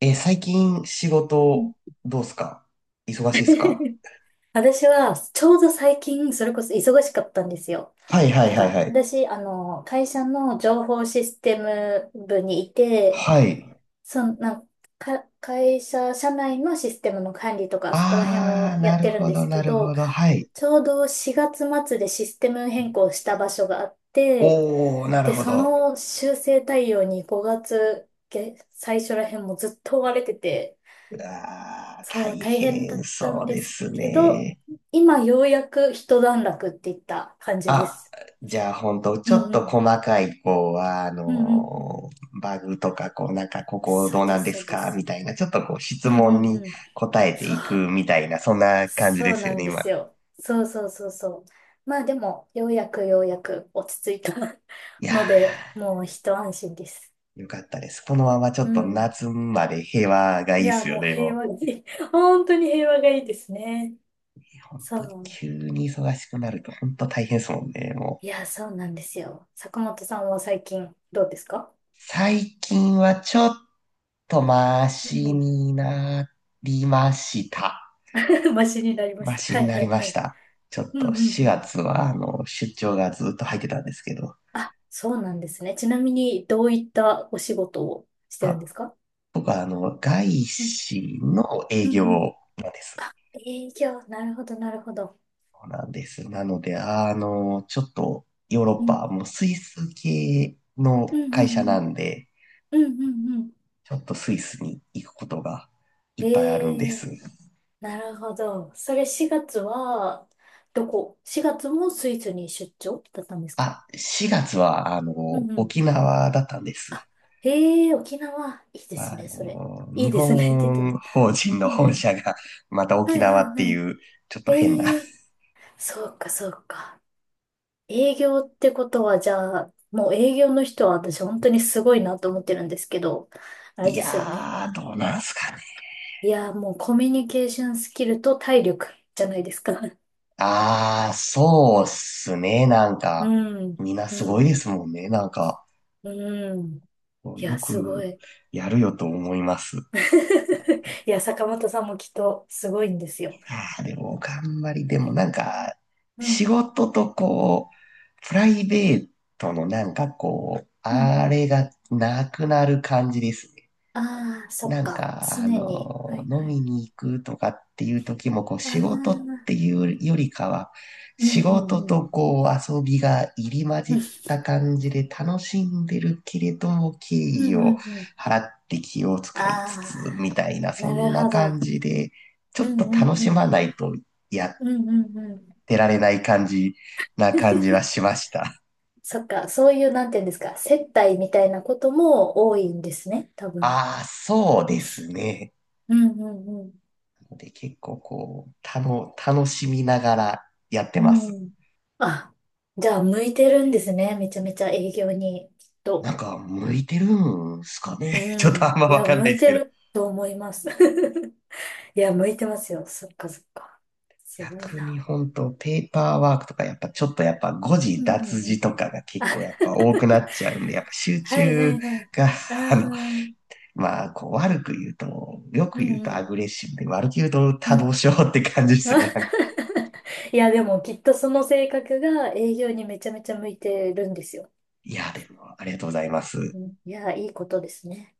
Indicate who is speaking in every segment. Speaker 1: 最近仕
Speaker 2: うん。
Speaker 1: 事どうすか忙しいっすか？
Speaker 2: 私は、ちょうど最近、それこそ忙しかったんですよ。
Speaker 1: はいはいはいはい。
Speaker 2: 私、会社の情報システム部にいて、
Speaker 1: はい。
Speaker 2: そんな、か、会社、社内のシステムの管理とか、そこら辺
Speaker 1: あ
Speaker 2: を
Speaker 1: ー、
Speaker 2: や
Speaker 1: な
Speaker 2: っ
Speaker 1: る
Speaker 2: てるん
Speaker 1: ほ
Speaker 2: で
Speaker 1: ど
Speaker 2: すけ
Speaker 1: なる
Speaker 2: ど、
Speaker 1: ほど。はい。
Speaker 2: ちょうど4月末でシステム変更した場所があって、
Speaker 1: おー、なる
Speaker 2: で、
Speaker 1: ほ
Speaker 2: そ
Speaker 1: ど。
Speaker 2: の修正対応に5月、最初ら辺もずっと追われてて、
Speaker 1: うわー、
Speaker 2: そ
Speaker 1: 大
Speaker 2: う、大変だ
Speaker 1: 変
Speaker 2: った
Speaker 1: そ
Speaker 2: ん
Speaker 1: う
Speaker 2: で
Speaker 1: で
Speaker 2: す
Speaker 1: す
Speaker 2: けど、
Speaker 1: ね。
Speaker 2: 今ようやく一段落っていった感じで
Speaker 1: あ、
Speaker 2: す。
Speaker 1: じゃあほんと、ち
Speaker 2: う
Speaker 1: ょっ
Speaker 2: んう
Speaker 1: と
Speaker 2: ん。
Speaker 1: 細かい、こう、
Speaker 2: うんうんうん。
Speaker 1: バグとか、こう、なんか、ここ
Speaker 2: そ
Speaker 1: ど
Speaker 2: う
Speaker 1: うな
Speaker 2: で
Speaker 1: ん
Speaker 2: す、
Speaker 1: で
Speaker 2: そ
Speaker 1: す
Speaker 2: うで
Speaker 1: かみ
Speaker 2: す。
Speaker 1: たいな、ちょっとこう、質
Speaker 2: うん
Speaker 1: 問
Speaker 2: うん
Speaker 1: に
Speaker 2: うん。
Speaker 1: 答えて
Speaker 2: そう、
Speaker 1: いくみたいな、そんな感じ
Speaker 2: そ
Speaker 1: で
Speaker 2: う
Speaker 1: すよ
Speaker 2: なん
Speaker 1: ね、
Speaker 2: で
Speaker 1: 今。
Speaker 2: すよ。そうそうそうそう。まあでも、ようやく落ち着いた
Speaker 1: い や
Speaker 2: ので、
Speaker 1: ー、
Speaker 2: もう一安心です。
Speaker 1: よかったです。このままちょ
Speaker 2: う
Speaker 1: っと
Speaker 2: ん。
Speaker 1: 夏まで平和がい
Speaker 2: い
Speaker 1: いっ
Speaker 2: や、
Speaker 1: すよ
Speaker 2: もう
Speaker 1: ね、
Speaker 2: 平
Speaker 1: も
Speaker 2: 和がいい。本当に平和がいいですね。
Speaker 1: う。いや本
Speaker 2: そ
Speaker 1: 当に
Speaker 2: う。
Speaker 1: 急に忙しくなると本当大変ですもんね、も
Speaker 2: い
Speaker 1: う。
Speaker 2: や、そうなんですよ。坂本さんは最近どうですか？
Speaker 1: 最近はちょっとマ
Speaker 2: う
Speaker 1: シ
Speaker 2: ん。
Speaker 1: になりました。
Speaker 2: マシになりまし
Speaker 1: マ
Speaker 2: た。
Speaker 1: シ
Speaker 2: は
Speaker 1: に
Speaker 2: い
Speaker 1: な
Speaker 2: は
Speaker 1: り
Speaker 2: い
Speaker 1: ま
Speaker 2: は
Speaker 1: し
Speaker 2: い。
Speaker 1: た。ちょっ
Speaker 2: う
Speaker 1: と
Speaker 2: んうんう
Speaker 1: 4
Speaker 2: ん。
Speaker 1: 月はあの出張がずっと入ってたんですけど、
Speaker 2: あ、そうなんですね。ちなみに、どういったお仕事をしてるんで
Speaker 1: あ、
Speaker 2: すか？
Speaker 1: 僕はあの外
Speaker 2: うん
Speaker 1: 資の営
Speaker 2: うん
Speaker 1: 業
Speaker 2: うん。
Speaker 1: なんです。
Speaker 2: あ、営業。なるほどなるほど。
Speaker 1: そうなんです。なので、あの、ちょっとヨーロッ
Speaker 2: うん。
Speaker 1: パ、もうスイス系
Speaker 2: うん
Speaker 1: の会
Speaker 2: うん
Speaker 1: 社
Speaker 2: う
Speaker 1: な
Speaker 2: ん。
Speaker 1: んで、
Speaker 2: うんうんうん。
Speaker 1: ちょっとスイスに行くことがいっぱいあるん
Speaker 2: え
Speaker 1: です。
Speaker 2: え、なるほど。それ4月は、どこ？ 4 月もスイスに出張だったんですか？
Speaker 1: あ、4月は、あの、
Speaker 2: うんうん。
Speaker 1: 沖縄だったんで
Speaker 2: あ、
Speaker 1: す。
Speaker 2: ええ、沖縄。いいです
Speaker 1: あ
Speaker 2: ね、それ。
Speaker 1: の、
Speaker 2: い
Speaker 1: 日
Speaker 2: いですねって言っても。
Speaker 1: 本法人
Speaker 2: う
Speaker 1: の
Speaker 2: んう
Speaker 1: 本
Speaker 2: ん。
Speaker 1: 社が また
Speaker 2: は
Speaker 1: 沖
Speaker 2: いは
Speaker 1: 縄
Speaker 2: い
Speaker 1: って
Speaker 2: は
Speaker 1: い
Speaker 2: い。
Speaker 1: う、ちょっと変な。
Speaker 2: ええ。そうか、そうか。営業ってことは、じゃあ、もう営業の人は私本当にすごいなと思ってるんですけど、あれ
Speaker 1: い
Speaker 2: ですよね。
Speaker 1: やー、どうなんすかね。
Speaker 2: いやもうコミュニケーションスキルと体力じゃないですか。
Speaker 1: あー、そうっすね。なん
Speaker 2: う
Speaker 1: か、
Speaker 2: ん、
Speaker 1: みんなす
Speaker 2: う
Speaker 1: ごい
Speaker 2: ん、
Speaker 1: ですもんね。なんか、
Speaker 2: うん。い
Speaker 1: よ
Speaker 2: や、すご
Speaker 1: く
Speaker 2: い。
Speaker 1: やるよと思います。い
Speaker 2: いや、坂本さんもきっとすごいんですよ。
Speaker 1: やー、でも頑張り、でもなんか、
Speaker 2: う
Speaker 1: 仕
Speaker 2: ん、
Speaker 1: 事とこう、プライベートのなんかこう、
Speaker 2: うん、う
Speaker 1: あ
Speaker 2: ん。
Speaker 1: れがなくなる感じですね。
Speaker 2: ああ、そっ
Speaker 1: なん
Speaker 2: か。
Speaker 1: か、
Speaker 2: 常
Speaker 1: あ
Speaker 2: に。は
Speaker 1: の、
Speaker 2: い
Speaker 1: 飲
Speaker 2: はい。
Speaker 1: みに行くとかっていう時も、こう、
Speaker 2: ああ、
Speaker 1: 仕事っ
Speaker 2: う
Speaker 1: ていうよりかは、
Speaker 2: んう
Speaker 1: 仕
Speaker 2: ん
Speaker 1: 事
Speaker 2: うん。
Speaker 1: とこう、遊びが入り混じ
Speaker 2: うん
Speaker 1: った感じで楽しんでるけれども、敬
Speaker 2: う
Speaker 1: 意
Speaker 2: ん
Speaker 1: を
Speaker 2: うん。
Speaker 1: 払って気を使いつつ、
Speaker 2: あ
Speaker 1: みたいな、
Speaker 2: あ、
Speaker 1: そ
Speaker 2: な
Speaker 1: ん
Speaker 2: る
Speaker 1: な
Speaker 2: ほど。
Speaker 1: 感じで、ちょっ
Speaker 2: うん
Speaker 1: と
Speaker 2: うん
Speaker 1: 楽し
Speaker 2: う
Speaker 1: ま
Speaker 2: ん。
Speaker 1: ないとやっ
Speaker 2: うんうんうん。
Speaker 1: てられない感じな感じはしました。
Speaker 2: そっか、そういう、なんていうんですか、接待みたいなことも多いんですね、多分。
Speaker 1: ああ、そうですね。
Speaker 2: うんうん
Speaker 1: で、結構こう、たの、楽しみながらやって
Speaker 2: う
Speaker 1: ま
Speaker 2: ん。う
Speaker 1: す。
Speaker 2: ん。あ、じゃあ、向いてるんですね、めちゃめちゃ営業に、きっ
Speaker 1: な
Speaker 2: と。
Speaker 1: んか、向いてるんすかね ちょ
Speaker 2: う
Speaker 1: っとあ
Speaker 2: ん。
Speaker 1: んま
Speaker 2: い
Speaker 1: わ
Speaker 2: や、
Speaker 1: かんな
Speaker 2: 向
Speaker 1: い
Speaker 2: い
Speaker 1: です
Speaker 2: て
Speaker 1: けど。
Speaker 2: ると思います。いや、向いてますよ。そっかそっか。すごい
Speaker 1: 逆に
Speaker 2: な。
Speaker 1: 本当、ペーパーワークとか、やっぱちょっとやっぱ誤字
Speaker 2: うんう
Speaker 1: 脱
Speaker 2: んう
Speaker 1: 字
Speaker 2: ん。
Speaker 1: とかが
Speaker 2: あ、
Speaker 1: 結構やっぱ多くなっちゃうんで、やっぱ集
Speaker 2: はいは
Speaker 1: 中
Speaker 2: いはい。
Speaker 1: が、
Speaker 2: あ
Speaker 1: あの、
Speaker 2: ー。
Speaker 1: まあ、こう悪く言うと、よ
Speaker 2: う
Speaker 1: く言う
Speaker 2: んう
Speaker 1: とア
Speaker 2: ん。
Speaker 1: グレッシブで、悪く言うと
Speaker 2: う
Speaker 1: 多動
Speaker 2: ん。
Speaker 1: 症って感じですね。なんか、
Speaker 2: いや、でもきっとその性格が営業にめちゃめちゃ向いてるんですよ。
Speaker 1: いや、でも、ありがとうございます。
Speaker 2: うん。いや、いいことですね。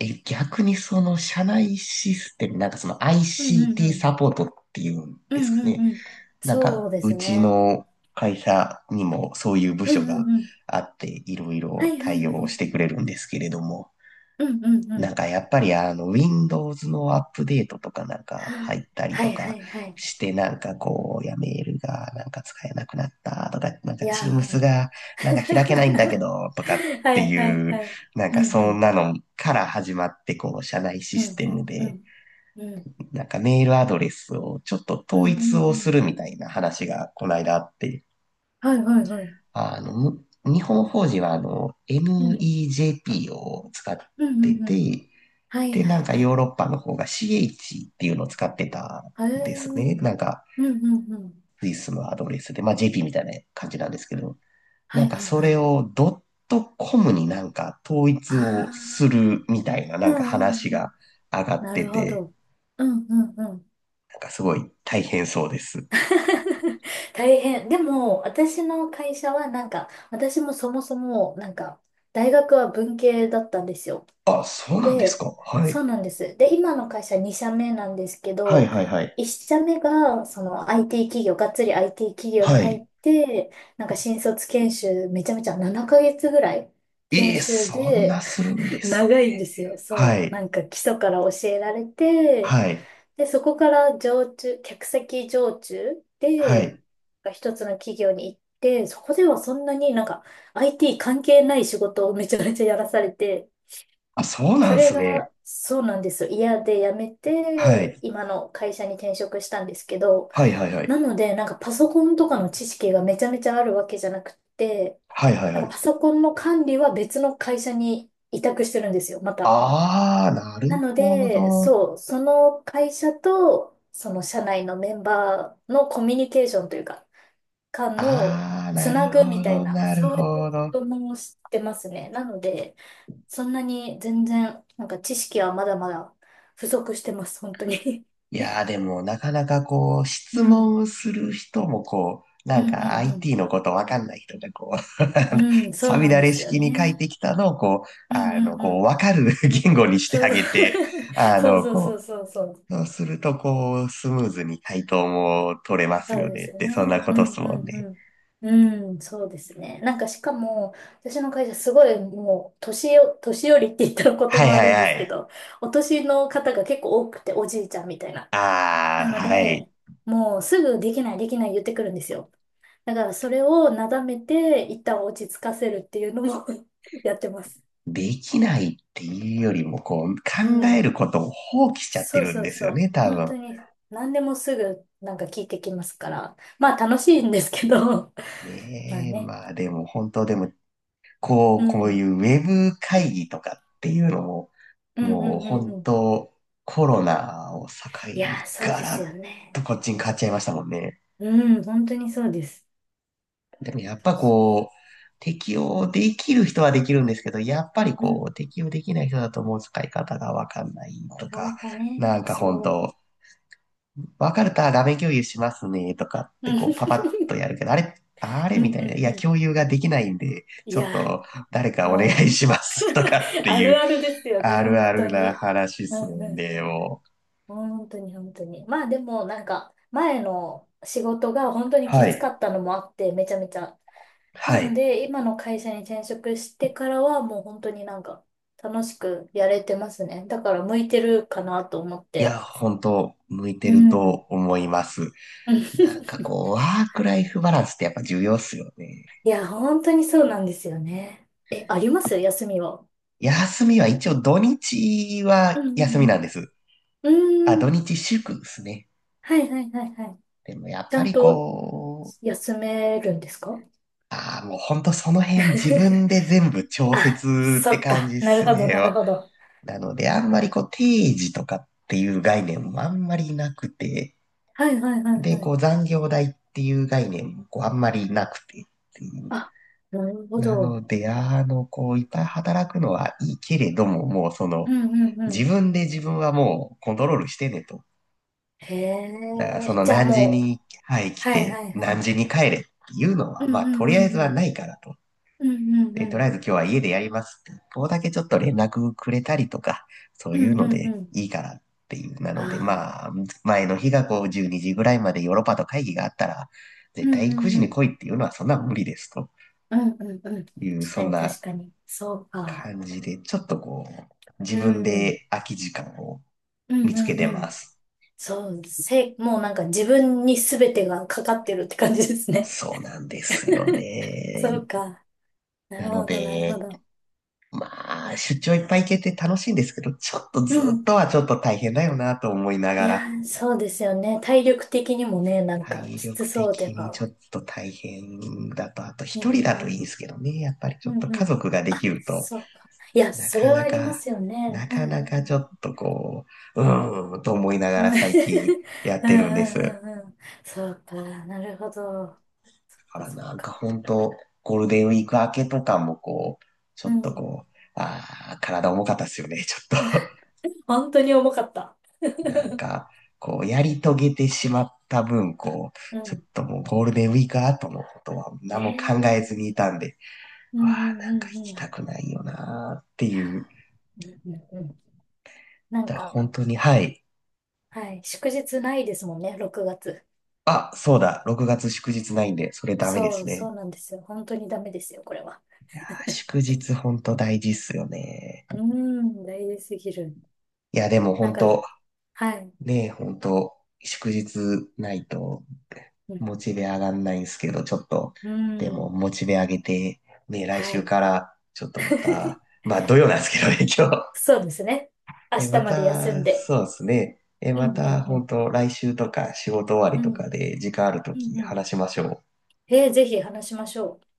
Speaker 1: え、逆にその社内システム、なんかその
Speaker 2: うんうんう
Speaker 1: ICT サ
Speaker 2: ん。
Speaker 1: ポートっていうん
Speaker 2: う
Speaker 1: です
Speaker 2: ん
Speaker 1: か
Speaker 2: うん
Speaker 1: ね。
Speaker 2: うん。
Speaker 1: なん
Speaker 2: そう
Speaker 1: か、
Speaker 2: で
Speaker 1: う
Speaker 2: す
Speaker 1: ち
Speaker 2: ね。
Speaker 1: の会社にもそういう部
Speaker 2: うん
Speaker 1: 署
Speaker 2: うん
Speaker 1: が
Speaker 2: うん。
Speaker 1: あって、いろい
Speaker 2: はい
Speaker 1: ろ
Speaker 2: はい
Speaker 1: 対
Speaker 2: は
Speaker 1: 応し
Speaker 2: い。
Speaker 1: てくれるんですけれども、
Speaker 2: うんうんう
Speaker 1: なん
Speaker 2: ん。
Speaker 1: かやっぱりあの、Windows のアップデートとかなんか
Speaker 2: は
Speaker 1: 入った
Speaker 2: あ、
Speaker 1: り
Speaker 2: は
Speaker 1: と
Speaker 2: いは
Speaker 1: か
Speaker 2: いはい。
Speaker 1: して、なんかこう、いやメールがなんか使えなくなったとか、なんか
Speaker 2: いや
Speaker 1: Teams
Speaker 2: ー。
Speaker 1: がなんか開けないんだけど、とかっ
Speaker 2: は
Speaker 1: て
Speaker 2: いはい
Speaker 1: いう、
Speaker 2: はい。
Speaker 1: なん
Speaker 2: う
Speaker 1: か
Speaker 2: んう
Speaker 1: そんな
Speaker 2: ん
Speaker 1: のから始まって、こう、社内シ
Speaker 2: う
Speaker 1: ス
Speaker 2: ん
Speaker 1: テ
Speaker 2: う
Speaker 1: ム
Speaker 2: んう
Speaker 1: で、
Speaker 2: んうん
Speaker 1: なんかメールアドレスをちょっと
Speaker 2: うん
Speaker 1: 統
Speaker 2: う
Speaker 1: 一を
Speaker 2: んう
Speaker 1: す
Speaker 2: ん。
Speaker 1: るみたいな話がこの間あって、
Speaker 2: はいはいはい。
Speaker 1: あの、む日本法人はあの、
Speaker 2: うんうん
Speaker 1: MEJP を使っ
Speaker 2: う
Speaker 1: て
Speaker 2: んうん。
Speaker 1: て、
Speaker 2: はい
Speaker 1: で、
Speaker 2: は
Speaker 1: な
Speaker 2: い
Speaker 1: んか
Speaker 2: は
Speaker 1: ヨー
Speaker 2: い。
Speaker 1: ロッパの方が CH っていうのを使ってた
Speaker 2: へえ。
Speaker 1: んです
Speaker 2: うん
Speaker 1: ね。なんか、
Speaker 2: うんうん。
Speaker 1: スイスのアドレスで、まあ JP みたいな感じなんですけど、
Speaker 2: は
Speaker 1: なん
Speaker 2: い
Speaker 1: か
Speaker 2: はい
Speaker 1: そ
Speaker 2: は
Speaker 1: れ
Speaker 2: い。
Speaker 1: をドットコムになんか統一
Speaker 2: あ
Speaker 1: をす
Speaker 2: あ、
Speaker 1: るみたいなな
Speaker 2: う
Speaker 1: ん
Speaker 2: ん
Speaker 1: か
Speaker 2: う
Speaker 1: 話
Speaker 2: んうん。
Speaker 1: が上がっ
Speaker 2: な
Speaker 1: て
Speaker 2: るほ
Speaker 1: て、
Speaker 2: ど。うんうんうん。
Speaker 1: なんかすごい大変そうです。
Speaker 2: 大変。でも、私の会社はなんか、私もそもそも、大学は文系だったんですよ。
Speaker 1: あ、そうなんです
Speaker 2: で、
Speaker 1: か。は
Speaker 2: そ
Speaker 1: い。
Speaker 2: うなんです。で、今の会社2社目なんですけ
Speaker 1: はい
Speaker 2: ど、
Speaker 1: はいはい。
Speaker 2: 1社目が、その IT 企業、がっつり IT 企業に
Speaker 1: は
Speaker 2: 入っ
Speaker 1: い。
Speaker 2: て、なんか新卒研修、めちゃめちゃ7ヶ月ぐらい
Speaker 1: え
Speaker 2: 研
Speaker 1: え、
Speaker 2: 修
Speaker 1: そんな
Speaker 2: で、
Speaker 1: するんです
Speaker 2: 長いん
Speaker 1: ね。
Speaker 2: ですよ。
Speaker 1: は
Speaker 2: そう。な
Speaker 1: い。
Speaker 2: んか基礎から教えられて、
Speaker 1: はい。
Speaker 2: で、そこから常駐、客先常駐
Speaker 1: は
Speaker 2: で、
Speaker 1: い。
Speaker 2: 一つの企業に行って、そこではそんなになんか IT 関係ない仕事をめちゃめちゃやらされて、
Speaker 1: あ、そうな
Speaker 2: そ
Speaker 1: んで
Speaker 2: れ
Speaker 1: すね。
Speaker 2: がそうなんですよ。嫌で辞め
Speaker 1: は
Speaker 2: て、
Speaker 1: い。
Speaker 2: 今の会社に転職したんですけど、
Speaker 1: はいはいは
Speaker 2: な
Speaker 1: い。
Speaker 2: のでなんかパソコンとかの知識がめちゃめちゃあるわけじゃなくて、
Speaker 1: はいはい
Speaker 2: な
Speaker 1: は
Speaker 2: んかパ
Speaker 1: い。
Speaker 2: ソコンの管理は別の会社に委託してるんですよ、また。
Speaker 1: ああ、なる
Speaker 2: なの
Speaker 1: ほ
Speaker 2: で、
Speaker 1: ど。
Speaker 2: そう、その会社と、その社内のメンバーのコミュニケーションというか、間の
Speaker 1: ああ、
Speaker 2: つ
Speaker 1: なる
Speaker 2: なぐみ
Speaker 1: ほ
Speaker 2: たい
Speaker 1: ど、
Speaker 2: な、
Speaker 1: なる
Speaker 2: そういう
Speaker 1: ほ
Speaker 2: こ
Speaker 1: ど。
Speaker 2: とも知ってますね。なので、そんなに全然、なんか知識はまだまだ不足してます、本当に。
Speaker 1: いやー、でも、なかなかこう、
Speaker 2: う
Speaker 1: 質
Speaker 2: ん、
Speaker 1: 問する人もこう、
Speaker 2: う
Speaker 1: なん
Speaker 2: ん、う
Speaker 1: か
Speaker 2: ん、うん。
Speaker 1: IT のことわかんない人がこう、あの
Speaker 2: うん、そ
Speaker 1: さ
Speaker 2: う
Speaker 1: み
Speaker 2: なん
Speaker 1: だ
Speaker 2: で
Speaker 1: れ
Speaker 2: すよ
Speaker 1: 式に書い
Speaker 2: ね。
Speaker 1: てきたのをこ
Speaker 2: う
Speaker 1: う、
Speaker 2: ん、
Speaker 1: あ
Speaker 2: う
Speaker 1: の、
Speaker 2: ん、う
Speaker 1: こう、
Speaker 2: ん。
Speaker 1: わかる 言語にして
Speaker 2: そ
Speaker 1: あ
Speaker 2: うそう。
Speaker 1: げて、あ
Speaker 2: そう
Speaker 1: の、
Speaker 2: そうそ
Speaker 1: こ
Speaker 2: うそうそう。
Speaker 1: そうすると、こう、スムーズに対等も取れます
Speaker 2: そう
Speaker 1: よ
Speaker 2: で
Speaker 1: ね
Speaker 2: す
Speaker 1: って、そんな
Speaker 2: ね。
Speaker 1: こ
Speaker 2: う
Speaker 1: とっ
Speaker 2: ん
Speaker 1: すもんね。
Speaker 2: うんうん。うん、そうですね。なんかしかも、私の会社すごいもう、年寄りって言ったら言
Speaker 1: は
Speaker 2: 葉
Speaker 1: いは
Speaker 2: 悪
Speaker 1: い
Speaker 2: いんで
Speaker 1: は
Speaker 2: すけ
Speaker 1: い。
Speaker 2: ど、お年の方が結構多くて、おじいちゃんみたいな。な
Speaker 1: ああ、
Speaker 2: の
Speaker 1: はい。
Speaker 2: で、もうすぐできないできない言ってくるんですよ。だからそれをなだめて、一旦落ち着かせるっていうのも やってます。
Speaker 1: できないっていうよりも、こう、
Speaker 2: う
Speaker 1: 考え
Speaker 2: ん。
Speaker 1: ることを放棄しちゃって
Speaker 2: そう
Speaker 1: るん
Speaker 2: そう
Speaker 1: ですよ
Speaker 2: そ
Speaker 1: ね、
Speaker 2: う。
Speaker 1: 多
Speaker 2: 本
Speaker 1: 分。
Speaker 2: 当に、何でもすぐなんか聞いてきますから。まあ楽しいんですけど、まあ
Speaker 1: ねえ、
Speaker 2: ね。
Speaker 1: まあでも本当でも、こ
Speaker 2: う
Speaker 1: う、こう
Speaker 2: ん。
Speaker 1: いうウェブ会議とかっていうのも、
Speaker 2: うんう
Speaker 1: も
Speaker 2: ん
Speaker 1: う
Speaker 2: うんう
Speaker 1: 本
Speaker 2: ん。
Speaker 1: 当コロナを境
Speaker 2: いやー、
Speaker 1: に
Speaker 2: そう
Speaker 1: ガ
Speaker 2: ですよ
Speaker 1: ラッ
Speaker 2: ね。
Speaker 1: とこっちに変わっちゃいましたもんね。
Speaker 2: うん、本当にそうです。
Speaker 1: でもやっぱこう、適用できる人はできるんですけど、やっぱり
Speaker 2: うん、な
Speaker 1: こう、適用できない人だともう使い方がわかんないと
Speaker 2: かな
Speaker 1: か、
Speaker 2: かね、
Speaker 1: なんか本
Speaker 2: そ
Speaker 1: 当、わかるとあ画面共有しますねとかっ
Speaker 2: う。う
Speaker 1: て
Speaker 2: ん。
Speaker 1: こう、パパッと やるけど、あれ、あれ
Speaker 2: う
Speaker 1: みた
Speaker 2: んう
Speaker 1: いな、
Speaker 2: ん
Speaker 1: い
Speaker 2: う
Speaker 1: や、
Speaker 2: ん。
Speaker 1: 共有ができないんで、
Speaker 2: い
Speaker 1: ちょっ
Speaker 2: や
Speaker 1: と誰
Speaker 2: ー、
Speaker 1: かお願い
Speaker 2: も
Speaker 1: しますとかっ
Speaker 2: う、
Speaker 1: て
Speaker 2: あ
Speaker 1: い
Speaker 2: る
Speaker 1: う、
Speaker 2: あるですよね、
Speaker 1: ある
Speaker 2: 本
Speaker 1: ある
Speaker 2: 当
Speaker 1: な
Speaker 2: に。
Speaker 1: 話
Speaker 2: う
Speaker 1: す
Speaker 2: んう
Speaker 1: ん
Speaker 2: ん。
Speaker 1: でよ。
Speaker 2: 本当に本当に。まあでも、なんか、前の仕事が本当にき
Speaker 1: は
Speaker 2: つか
Speaker 1: い。
Speaker 2: ったのもあって、めちゃめちゃ。
Speaker 1: は
Speaker 2: なの
Speaker 1: い。
Speaker 2: で、今の会社に転職してからは、もう本当になんか、楽しくやれてますね。だから、向いてるかなと思っ
Speaker 1: いや、
Speaker 2: て。
Speaker 1: 本当、向いて
Speaker 2: う
Speaker 1: る
Speaker 2: ん。
Speaker 1: と思います。
Speaker 2: うん。
Speaker 1: なんかこう、ワークライフバランスってやっぱ重要っすよね。
Speaker 2: いや、本当にそうなんですよね。え、あります休みは？
Speaker 1: 休みは一応土日は
Speaker 2: う
Speaker 1: 休み
Speaker 2: んう
Speaker 1: なん
Speaker 2: ん
Speaker 1: です。
Speaker 2: う
Speaker 1: あ、
Speaker 2: ん。うー
Speaker 1: 土
Speaker 2: ん。
Speaker 1: 日祝ですね。
Speaker 2: はいはいはいはい。
Speaker 1: でもやっ
Speaker 2: ち
Speaker 1: ぱ
Speaker 2: ゃん
Speaker 1: り
Speaker 2: と
Speaker 1: こう、
Speaker 2: 休めるんですか？
Speaker 1: ああ、もうほんとその辺自分 で全部調
Speaker 2: あ、
Speaker 1: 節っ
Speaker 2: そ
Speaker 1: て
Speaker 2: っ
Speaker 1: 感
Speaker 2: か。
Speaker 1: じっ
Speaker 2: なる
Speaker 1: す
Speaker 2: ほど
Speaker 1: ね。
Speaker 2: なるほど。
Speaker 1: なのであんまりこう定時とかっていう概念もあんまりなくて、
Speaker 2: はいはいはい
Speaker 1: で、
Speaker 2: は
Speaker 1: こ
Speaker 2: い。
Speaker 1: う残業代っていう概念もこうあんまりなくてっていう。
Speaker 2: あ、なるほ
Speaker 1: な
Speaker 2: ど。
Speaker 1: ので、あの、こういっぱい働くのはいいけれども、もうそ
Speaker 2: う
Speaker 1: の、
Speaker 2: んうんう
Speaker 1: 自
Speaker 2: ん。
Speaker 1: 分で自分はもうコントロールしてねと。
Speaker 2: へ
Speaker 1: だからそ
Speaker 2: え。
Speaker 1: の
Speaker 2: じゃあ
Speaker 1: 何時
Speaker 2: もう。
Speaker 1: に、はい、来
Speaker 2: はいは
Speaker 1: て、
Speaker 2: いは
Speaker 1: 何
Speaker 2: い。
Speaker 1: 時に帰れっていうの
Speaker 2: う
Speaker 1: は、ま
Speaker 2: ん
Speaker 1: あ
Speaker 2: う
Speaker 1: と
Speaker 2: ん
Speaker 1: りあえ
Speaker 2: う
Speaker 1: ず
Speaker 2: んう
Speaker 1: は
Speaker 2: ん。
Speaker 1: ないからと。
Speaker 2: うんうん
Speaker 1: で、
Speaker 2: う
Speaker 1: とりあえず
Speaker 2: ん。
Speaker 1: 今日は家でやりますって。ここだけちょっと連絡くれたりとか、そう
Speaker 2: う
Speaker 1: いう
Speaker 2: ん
Speaker 1: の
Speaker 2: うん
Speaker 1: で
Speaker 2: うん。
Speaker 1: いいからっていう。な
Speaker 2: あ
Speaker 1: ので、
Speaker 2: あ。
Speaker 1: まあ、前の日がこう12時ぐらいまでヨーロッパと会議があったら、
Speaker 2: う
Speaker 1: 絶
Speaker 2: ん
Speaker 1: 対
Speaker 2: う
Speaker 1: 9
Speaker 2: ん
Speaker 1: 時
Speaker 2: う
Speaker 1: に
Speaker 2: ん。
Speaker 1: 来いっていうのはそんな無理ですと
Speaker 2: うんうんうん。
Speaker 1: いう、
Speaker 2: 確
Speaker 1: そ
Speaker 2: か
Speaker 1: ん
Speaker 2: に
Speaker 1: な
Speaker 2: 確かに。そうか。
Speaker 1: 感じで、ちょっとこう、自
Speaker 2: う
Speaker 1: 分
Speaker 2: ん。
Speaker 1: で空き時間を
Speaker 2: う
Speaker 1: 見
Speaker 2: ん
Speaker 1: つ
Speaker 2: う
Speaker 1: け
Speaker 2: ん
Speaker 1: て
Speaker 2: う
Speaker 1: ま
Speaker 2: ん。
Speaker 1: す。
Speaker 2: そう、もうなんか自分に全てがかかってるって感じですね。
Speaker 1: そうなんですよ
Speaker 2: そ
Speaker 1: ね。
Speaker 2: うか。な
Speaker 1: な
Speaker 2: る
Speaker 1: の
Speaker 2: ほど、なるほ
Speaker 1: で、
Speaker 2: ど。
Speaker 1: まあ、出張いっぱい行けて楽しいんですけど、ちょっとず
Speaker 2: う
Speaker 1: っ
Speaker 2: ん。
Speaker 1: とはちょっと大変だよなと思いな
Speaker 2: い
Speaker 1: が
Speaker 2: や
Speaker 1: ら、
Speaker 2: ー、そうですよね。体力的にもね、なんか
Speaker 1: 体
Speaker 2: きつ
Speaker 1: 力
Speaker 2: そう
Speaker 1: 的
Speaker 2: で
Speaker 1: に
Speaker 2: は。
Speaker 1: ちょっと大変だと、あと
Speaker 2: う
Speaker 1: 一人だといいん
Speaker 2: ん。
Speaker 1: ですけどね、やっぱりちょ
Speaker 2: う
Speaker 1: っ
Speaker 2: ん
Speaker 1: と家
Speaker 2: うん。
Speaker 1: 族ができると、
Speaker 2: そうか。いや、
Speaker 1: な
Speaker 2: そ
Speaker 1: か
Speaker 2: れは
Speaker 1: な
Speaker 2: ありま
Speaker 1: か、
Speaker 2: すよね。
Speaker 1: な
Speaker 2: うん
Speaker 1: か
Speaker 2: う
Speaker 1: なか
Speaker 2: ん。
Speaker 1: ちょっとこう、うーんと思いなが
Speaker 2: う
Speaker 1: ら
Speaker 2: ん。
Speaker 1: 最近や っ
Speaker 2: うんう
Speaker 1: てるんです。
Speaker 2: んうんうん。そうか。なるほど。そっ
Speaker 1: か
Speaker 2: か
Speaker 1: ら
Speaker 2: そっ
Speaker 1: なんか
Speaker 2: か。
Speaker 1: 本当、ゴールデンウィーク明けとかもこう、ち
Speaker 2: う
Speaker 1: ょっと
Speaker 2: ん。
Speaker 1: こう、ああ、体重かったっすよね、ちょっと。
Speaker 2: 本当に重かった。
Speaker 1: なん か、こう、やり遂げてしまった分、こう、
Speaker 2: う
Speaker 1: ちょっ
Speaker 2: ん。
Speaker 1: ともうゴールデンウィーク後のことは
Speaker 2: ね
Speaker 1: 何も
Speaker 2: え。う
Speaker 1: 考えずにい
Speaker 2: ん
Speaker 1: たんで、
Speaker 2: う
Speaker 1: うわあ、
Speaker 2: んう
Speaker 1: なんか
Speaker 2: ん
Speaker 1: 行
Speaker 2: う
Speaker 1: き
Speaker 2: ん。
Speaker 1: たくないよなーっていう。
Speaker 2: うんうんうん。なん
Speaker 1: だから本
Speaker 2: か、
Speaker 1: 当に、はい。
Speaker 2: はい。祝日ないですもんね、6月。
Speaker 1: あ、そうだ、6月祝日ないんで、それダメで
Speaker 2: そ
Speaker 1: す
Speaker 2: う、
Speaker 1: ね。
Speaker 2: そうなんですよ。本当にダメですよ、これは。
Speaker 1: あー祝日本当大事っすよね。
Speaker 2: うーん、大事すぎる。
Speaker 1: いや、でも
Speaker 2: なん
Speaker 1: 本
Speaker 2: か、
Speaker 1: 当、
Speaker 2: はい。
Speaker 1: ねえ、ほんと、祝日ないと
Speaker 2: うん、
Speaker 1: モチベ上がんないんですけど、ちょっと、
Speaker 2: うー
Speaker 1: でも
Speaker 2: ん、
Speaker 1: モチベ上げて、ね、来
Speaker 2: は
Speaker 1: 週
Speaker 2: い。
Speaker 1: からちょっとま た、まあ土曜なんですけどね、今日。
Speaker 2: そうですね。明
Speaker 1: え、ま
Speaker 2: 日まで休ん
Speaker 1: た、
Speaker 2: で。
Speaker 1: そうですね。え、
Speaker 2: うん
Speaker 1: ま
Speaker 2: うん
Speaker 1: た、
Speaker 2: う
Speaker 1: ほん
Speaker 2: ん。
Speaker 1: と、来週とか仕事終わり
Speaker 2: う
Speaker 1: とか
Speaker 2: ん
Speaker 1: で時間あると
Speaker 2: う
Speaker 1: き
Speaker 2: んうん。
Speaker 1: 話しましょう。
Speaker 2: えー、ぜひ話しましょう。